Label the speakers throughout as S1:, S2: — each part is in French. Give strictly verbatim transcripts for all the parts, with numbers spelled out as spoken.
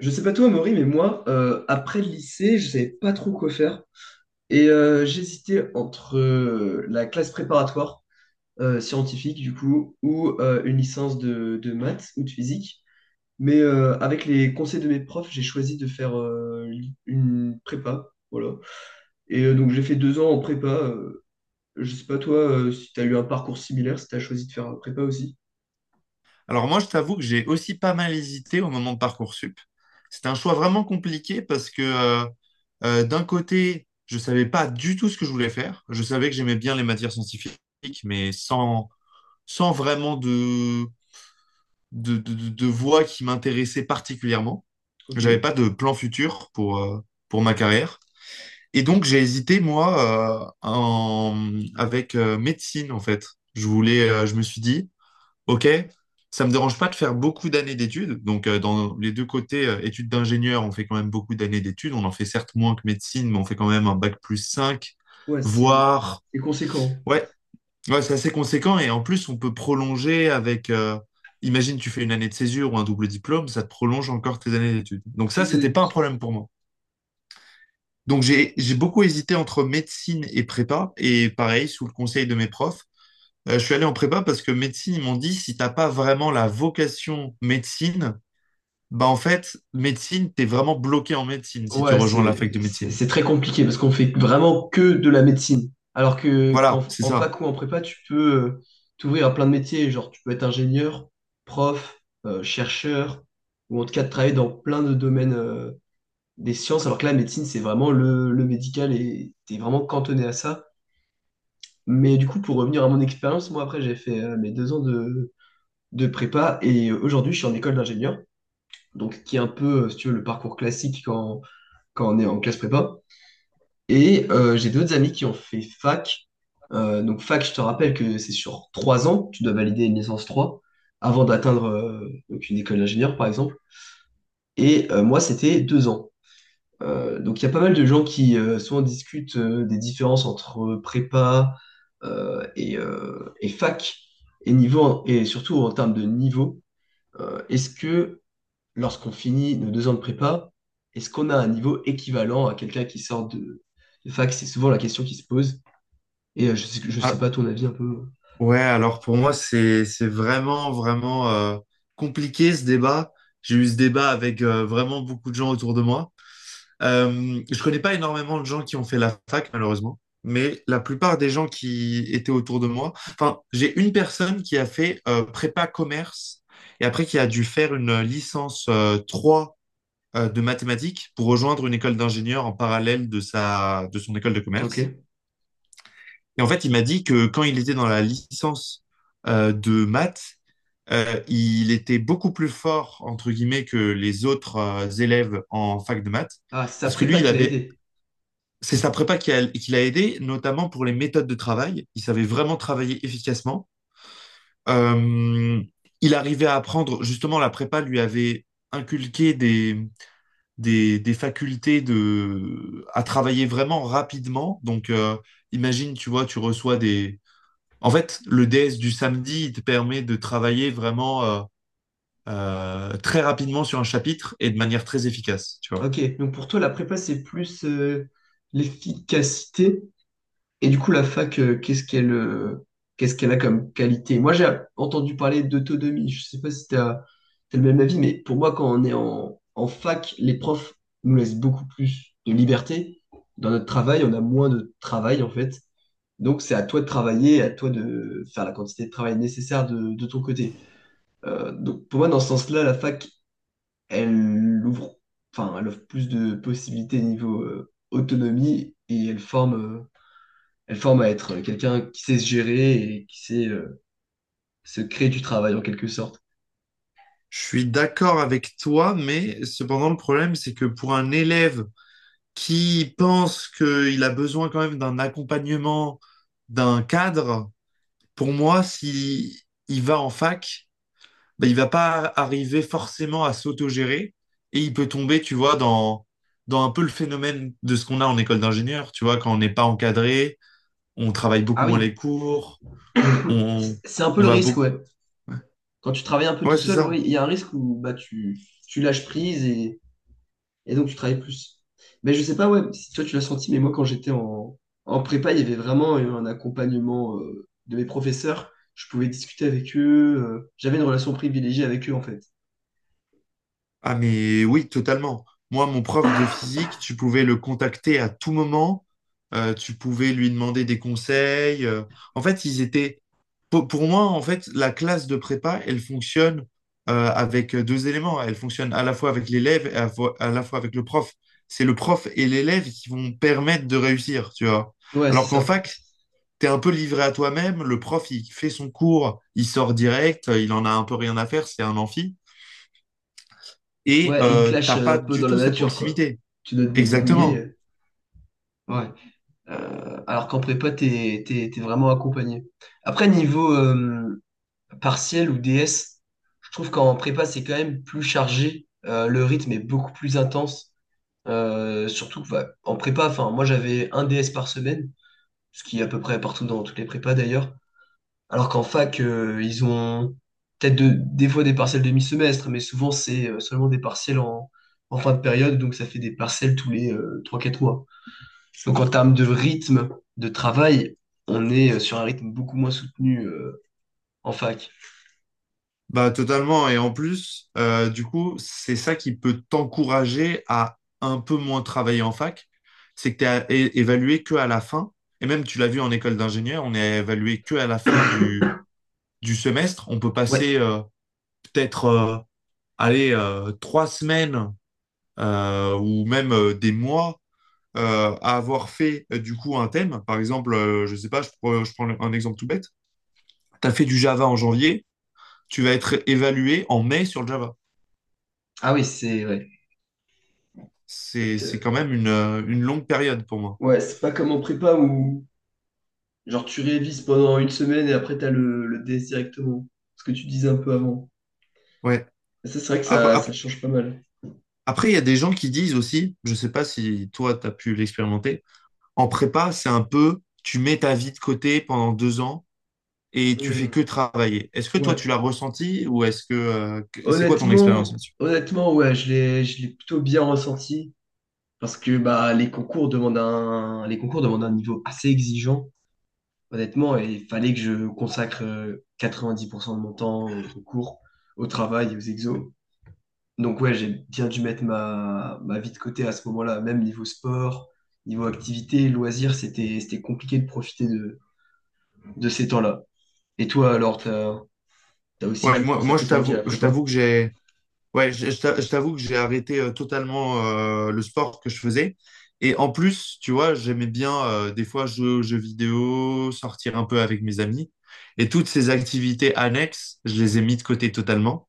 S1: Je sais pas toi, Maury, mais moi, euh, après le lycée, je savais pas trop quoi faire. Et euh, j'hésitais entre euh, la classe préparatoire euh, scientifique, du coup, ou euh, une licence de, de maths ou de physique. Mais euh, avec les conseils de mes profs, j'ai choisi de faire euh, une prépa. Voilà. Et euh, donc, j'ai fait deux ans en prépa. Euh, je sais pas toi, euh, si tu as eu un parcours similaire, si tu as choisi de faire un prépa aussi.
S2: Alors moi, je t'avoue que j'ai aussi pas mal hésité au moment de Parcoursup. C'était un choix vraiment compliqué parce que euh, euh, d'un côté, je savais pas du tout ce que je voulais faire. Je savais que j'aimais bien les matières scientifiques, mais sans, sans vraiment de, de, de, de- de voie qui m'intéressait particulièrement.
S1: Ok.
S2: J'avais pas de plan futur pour, euh, pour ma carrière. Et donc j'ai hésité, moi, euh, en- avec euh, médecine, en fait. Je voulais, euh, je me suis dit, OK, ça me dérange pas de faire beaucoup d'années d'études. Donc, euh, dans les deux côtés, euh, études d'ingénieur, on fait quand même beaucoup d'années d'études. On en fait certes moins que médecine, mais on fait quand même un bac plus cinq,
S1: Ouais, c'est
S2: voire...
S1: c'est conséquent.
S2: Ouais, ouais, c'est assez conséquent. Et en plus, on peut prolonger avec... euh, Imagine, tu fais une année de césure ou un double diplôme, ça te prolonge encore tes années d'études. Donc
S1: C'est
S2: ça,
S1: une année
S2: c'était
S1: de
S2: pas un
S1: plus.
S2: problème pour moi. Donc j'ai j'ai beaucoup hésité entre médecine et prépa. Et pareil, sous le conseil de mes profs, euh, je suis allé en prépa parce que médecine, ils m'ont dit, si t'as pas vraiment la vocation médecine, bah en fait, médecine, t'es vraiment bloqué en médecine si tu
S1: Ouais,
S2: rejoins la fac de
S1: c'est c'est-
S2: médecine.
S1: c'est très compliqué parce qu'on fait vraiment que de la médecine. Alors que qu'en
S2: Voilà, c'est
S1: en
S2: ça.
S1: fac ou en prépa, tu peux euh, t'ouvrir à plein de métiers. Genre, tu peux être ingénieur, prof, euh, chercheur, ou en tout cas de travailler dans plein de domaines euh, des sciences. Alors que la médecine, c'est vraiment le, le médical et t'es vraiment cantonné à ça. Mais du coup, pour revenir à mon expérience, moi après, j'ai fait euh, mes deux ans de, de prépa et euh, aujourd'hui, je suis en école d'ingénieur. Donc, qui est un peu, euh, si tu veux, le parcours classique quand, quand on est en classe prépa. Et euh, j'ai d'autres amis qui ont fait fac. Euh, donc fac, je te rappelle que c'est sur trois ans, tu dois valider une licence trois avant d'atteindre euh, donc une école d'ingénieur, par exemple. Et euh, moi, c'était deux ans. Euh, donc il y a pas mal de gens qui euh, souvent discutent euh, des différences entre prépa euh, et, euh, et fac, et, niveau, et surtout en termes de niveau. Euh, est-ce que lorsqu'on finit nos deux ans de prépa, est-ce qu'on a un niveau équivalent à quelqu'un qui sort de, de fac? C'est souvent la question qui se pose. Et euh, je sais, je sais
S2: Ah,
S1: pas ton avis un peu.
S2: ouais, alors pour moi, c'est c'est vraiment, vraiment euh, compliqué ce débat. J'ai eu ce débat avec euh, vraiment beaucoup de gens autour de moi. Euh, je connais pas énormément de gens qui ont fait la fac, malheureusement, mais la plupart des gens qui étaient autour de moi, enfin, j'ai une personne qui a fait euh, prépa commerce et après qui a dû faire une licence euh, trois euh, de mathématiques pour rejoindre une école d'ingénieur en parallèle de sa, de son école de commerce.
S1: Ok.
S2: Et en fait, il m'a dit que quand il était dans la licence euh, de maths, euh, il était beaucoup plus fort, entre guillemets, que les autres euh, élèves en fac de maths,
S1: Ah, c'est sa
S2: parce que lui,
S1: prépa
S2: il
S1: qui l'a
S2: avait
S1: aidé.
S2: c'est sa prépa qui, a- qui l'a aidé, notamment pour les méthodes de travail. Il savait vraiment travailler efficacement. Euh, il arrivait à apprendre, justement, la prépa lui avait inculqué des, des, des facultés de, à travailler vraiment rapidement. Donc, euh, imagine, tu vois, tu reçois des... En fait, le D S du samedi, il te permet de travailler vraiment euh, euh, très rapidement sur un chapitre et de manière très efficace, tu vois.
S1: Ok. Donc pour toi, la prépa, c'est plus euh, l'efficacité. Et du coup, la fac, euh, qu'est-ce qu'elle euh, qu'est-ce qu'elle a comme qualité? Moi, j'ai entendu parler d'autonomie. Je sais pas si tu as le même avis, mais pour moi, quand on est en, en fac, les profs nous laissent beaucoup plus de liberté. Dans notre travail, on a moins de travail, en fait. Donc, c'est à toi de travailler, à toi de faire la quantité de travail nécessaire de de ton côté. Euh, donc pour moi, dans ce sens-là, la fac, elle ouvre, enfin, elle offre plus de possibilités niveau euh, autonomie et elle forme, euh, elle forme à être quelqu'un qui sait se gérer et qui sait euh, se créer du travail en quelque sorte.
S2: Je suis d'accord avec toi, mais cependant le problème, c'est que pour un élève qui pense qu'il a besoin quand même d'un accompagnement, d'un cadre, pour moi, si il va en fac, ben, il va pas arriver forcément à s'autogérer et il peut tomber, tu vois, dans, dans un peu le phénomène de ce qu'on a en école d'ingénieur, tu vois, quand on n'est pas encadré, on travaille beaucoup
S1: Ah
S2: moins les
S1: oui,
S2: cours,
S1: c-
S2: on,
S1: c'est un peu
S2: on
S1: le
S2: va
S1: risque,
S2: beaucoup.
S1: ouais. Quand tu travailles un peu
S2: Ouais,
S1: tout
S2: c'est
S1: seul, oui,
S2: ça.
S1: il y a un risque où bah, tu, tu lâches prise. Et donc, tu travailles plus. Mais je sais pas, ouais, si toi, tu l'as senti, mais moi, quand j'étais en, en prépa, il y avait vraiment eu un accompagnement euh, de mes professeurs. Je pouvais discuter avec eux. Euh, j'avais une relation privilégiée avec eux, en fait.
S2: Ah, mais oui, totalement. Moi, mon prof de physique, tu pouvais le contacter à tout moment, euh, tu pouvais lui demander des conseils. euh. En fait, ils étaient. Pour, pour moi, en fait, la classe de prépa, elle fonctionne euh, avec deux éléments. Elle fonctionne à la fois avec l'élève et à, fo- à la fois avec le prof. C'est le prof et l'élève qui vont permettre de réussir, tu vois.
S1: Ouais, c'est
S2: Alors qu'en
S1: ça.
S2: fac, t'es un peu livré à toi-même. Le prof, il fait son cours, il sort direct, euh, il en a un peu rien à faire, c'est un amphi. Et
S1: Ouais, et ils te
S2: euh,
S1: lâchent
S2: t'as
S1: euh, un
S2: pas
S1: peu
S2: du
S1: dans la
S2: tout cette
S1: nature, quoi.
S2: proximité.
S1: Tu dois te débrouiller.
S2: Exactement.
S1: euh, Ouais. Euh, alors qu'en prépa, t'es, t'es, t'es vraiment accompagné. Après, niveau euh, partiel ou D S, je trouve qu'en prépa, c'est quand même plus chargé. Euh, le rythme est beaucoup plus intense. Euh, surtout que, bah, en prépa, enfin, moi j'avais un D S par semaine, ce qui est à peu près partout dans toutes les prépas d'ailleurs. Alors qu'en fac, euh, ils ont peut-être de- des fois des partiels demi-semestre, mais souvent c'est euh, seulement des partiels en, en fin de période, donc ça fait des partiels tous les euh, trois quatre mois. Donc en termes de rythme de travail, on est euh, sur un rythme beaucoup moins soutenu euh, en fac.
S2: Bah, totalement. Et en plus, euh, du coup, c'est ça qui peut t'encourager à un peu moins travailler en fac. C'est que t'es à- é- évalué que à la fin. Et même, tu l'as vu en école d'ingénieur, on est évalué que à la fin du, du semestre. On peut
S1: Ouais,
S2: passer euh, peut-être, euh, allez, euh, trois semaines euh, ou même euh, des mois euh, à avoir fait euh, du coup un thème. Par exemple, euh, je sais pas, je, prends- je prends un exemple tout bête. Tu as fait du Java en janvier, tu vas être évalué en mai sur le Java.
S1: ah oui, c'est ouais.
S2: C'est,
S1: Peut-être,
S2: c'est
S1: euh,
S2: quand même une, euh, une longue période pour moi.
S1: Ouais, c'est pas comme en prépa où genre, tu révises pendant une semaine et après, t'as le, le D S directement. Ce que tu disais un peu avant.
S2: Ouais.
S1: Et ça, c'est vrai que
S2: Ap-
S1: ça, ça
S2: ap-
S1: change pas mal.
S2: Après, il y a des gens qui disent aussi, je sais pas si toi, tu as pu l'expérimenter, en prépa, c'est un peu, tu mets ta vie de côté pendant deux ans et tu fais que
S1: Hmm.
S2: travailler. Est-ce que toi, tu
S1: Ouais.
S2: l'as ressenti ou est-ce que, euh, que- c'est quoi ton expérience
S1: Honnêtement,
S2: là-dessus?
S1: honnêtement, ouais, je l'ai, je l'ai plutôt bien ressenti. Parce que bah, les concours demandent un, les concours demandent un niveau assez exigeant, honnêtement, et il fallait que je consacre euh, quatre-vingt-dix pour cent de mon temps au concours, au travail, et aux exos. Donc ouais, j'ai bien dû mettre ma, ma vie de côté à ce moment-là, même niveau sport, niveau activité, loisirs, c'était, c'était compliqué de profiter de, de ces temps-là. Et toi, alors, t'as, t'as aussi
S2: Ouais,
S1: dû
S2: moi, moi je
S1: consacrer ta vie à
S2: t'avoue,
S1: la
S2: je
S1: prépa?
S2: t'avoue que j'ai, ouais, je, je t'a- je t'avoue que j'ai arrêté euh, totalement euh, le sport que je faisais. Et en plus, tu vois, j'aimais bien euh, des fois jouer aux jeux vidéo, sortir un peu avec mes amis. Et toutes ces activités annexes, je les ai mis de côté totalement.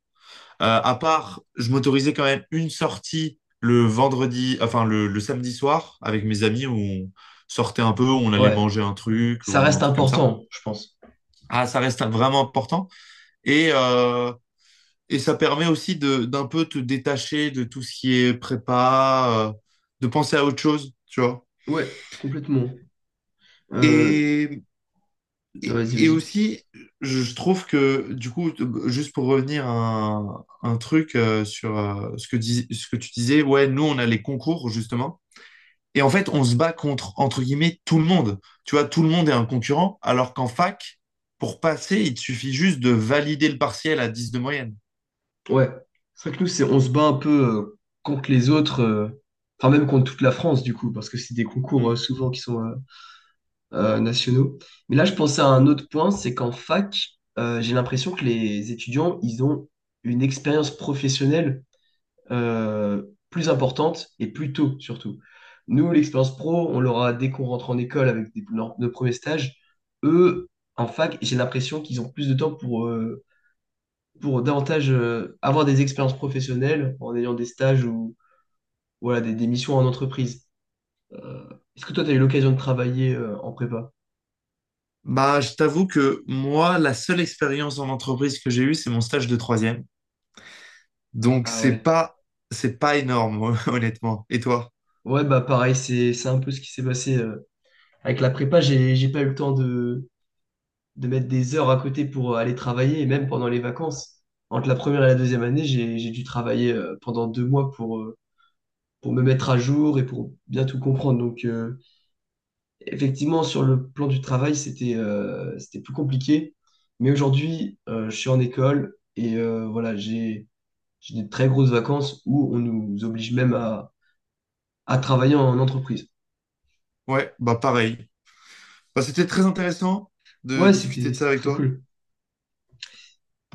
S2: Euh, à part, je m'autorisais quand même une sortie le vendredi, enfin le, le samedi soir avec mes amis où on sortait un peu, on allait
S1: Ouais,
S2: manger un truc
S1: ça
S2: ou un
S1: reste
S2: truc comme ça.
S1: important, je pense.
S2: Ah, ça reste vraiment important. Et euh, et ça permet aussi de d'un peu te détacher de tout ce qui est prépa, euh, de penser à autre chose, tu vois.
S1: Ouais, complètement. Euh,
S2: Et, et,
S1: Vas-y,
S2: et
S1: vas-y.
S2: aussi, je je trouve que, du coup, t- juste pour revenir à un, un truc euh, sur euh, ce que dis- ce que tu disais, ouais, nous, on a les concours, justement. Et en fait, on se bat contre, entre guillemets, tout le monde. Tu vois, tout le monde est un concurrent, alors qu'en fac, pour passer, il te suffit juste de valider le partiel à dix de moyenne.
S1: Ouais. C'est vrai que nous, c'est, on se bat un peu euh, contre les autres, euh, enfin même contre toute la France, du coup, parce que c'est des concours euh, souvent qui sont, euh, euh, nationaux. Mais là, je pensais à un autre point, c'est qu'en fac, euh, j'ai l'impression que les étudiants, ils ont une expérience professionnelle euh, plus importante et plus tôt surtout. Nous, l'expérience pro, on l'aura dès qu'on rentre en école avec des- nos, nos premiers stages. Eux, en fac, j'ai l'impression qu'ils ont plus de temps pour, euh, pour davantage euh, avoir des expériences professionnelles en ayant des stages ou voilà, des, des missions en entreprise. Euh, Est-ce que toi, tu as eu l'occasion de travailler euh, en prépa?
S2: Bah, je t'avoue que moi, la seule expérience en entreprise que j'ai eue, c'est mon stage de troisième. Donc,
S1: Ah
S2: c'est
S1: ouais.
S2: pas, c'est pas énorme, honnêtement. Et toi?
S1: Ouais, bah pareil, c'est c'est un peu ce qui s'est passé euh, avec la prépa. J'ai j'ai pas eu le temps de, de mettre des heures à côté pour euh, aller travailler. Et même pendant les vacances, entre la première et la deuxième année, j'ai j'ai dû travailler euh, pendant deux mois pour, euh, pour me mettre à jour et pour bien tout comprendre. Donc, euh, effectivement, sur le plan du travail, c'était euh, c'était plus compliqué. Mais aujourd'hui, euh, je suis en école et euh, voilà, j'ai j'ai des très grosses vacances où on nous oblige même à, à travailler en entreprise.
S2: Ouais, bah pareil. Bah, c'était très intéressant de
S1: Ouais,
S2: discuter
S1: c'était
S2: de ça
S1: c'était
S2: avec
S1: très
S2: toi.
S1: cool.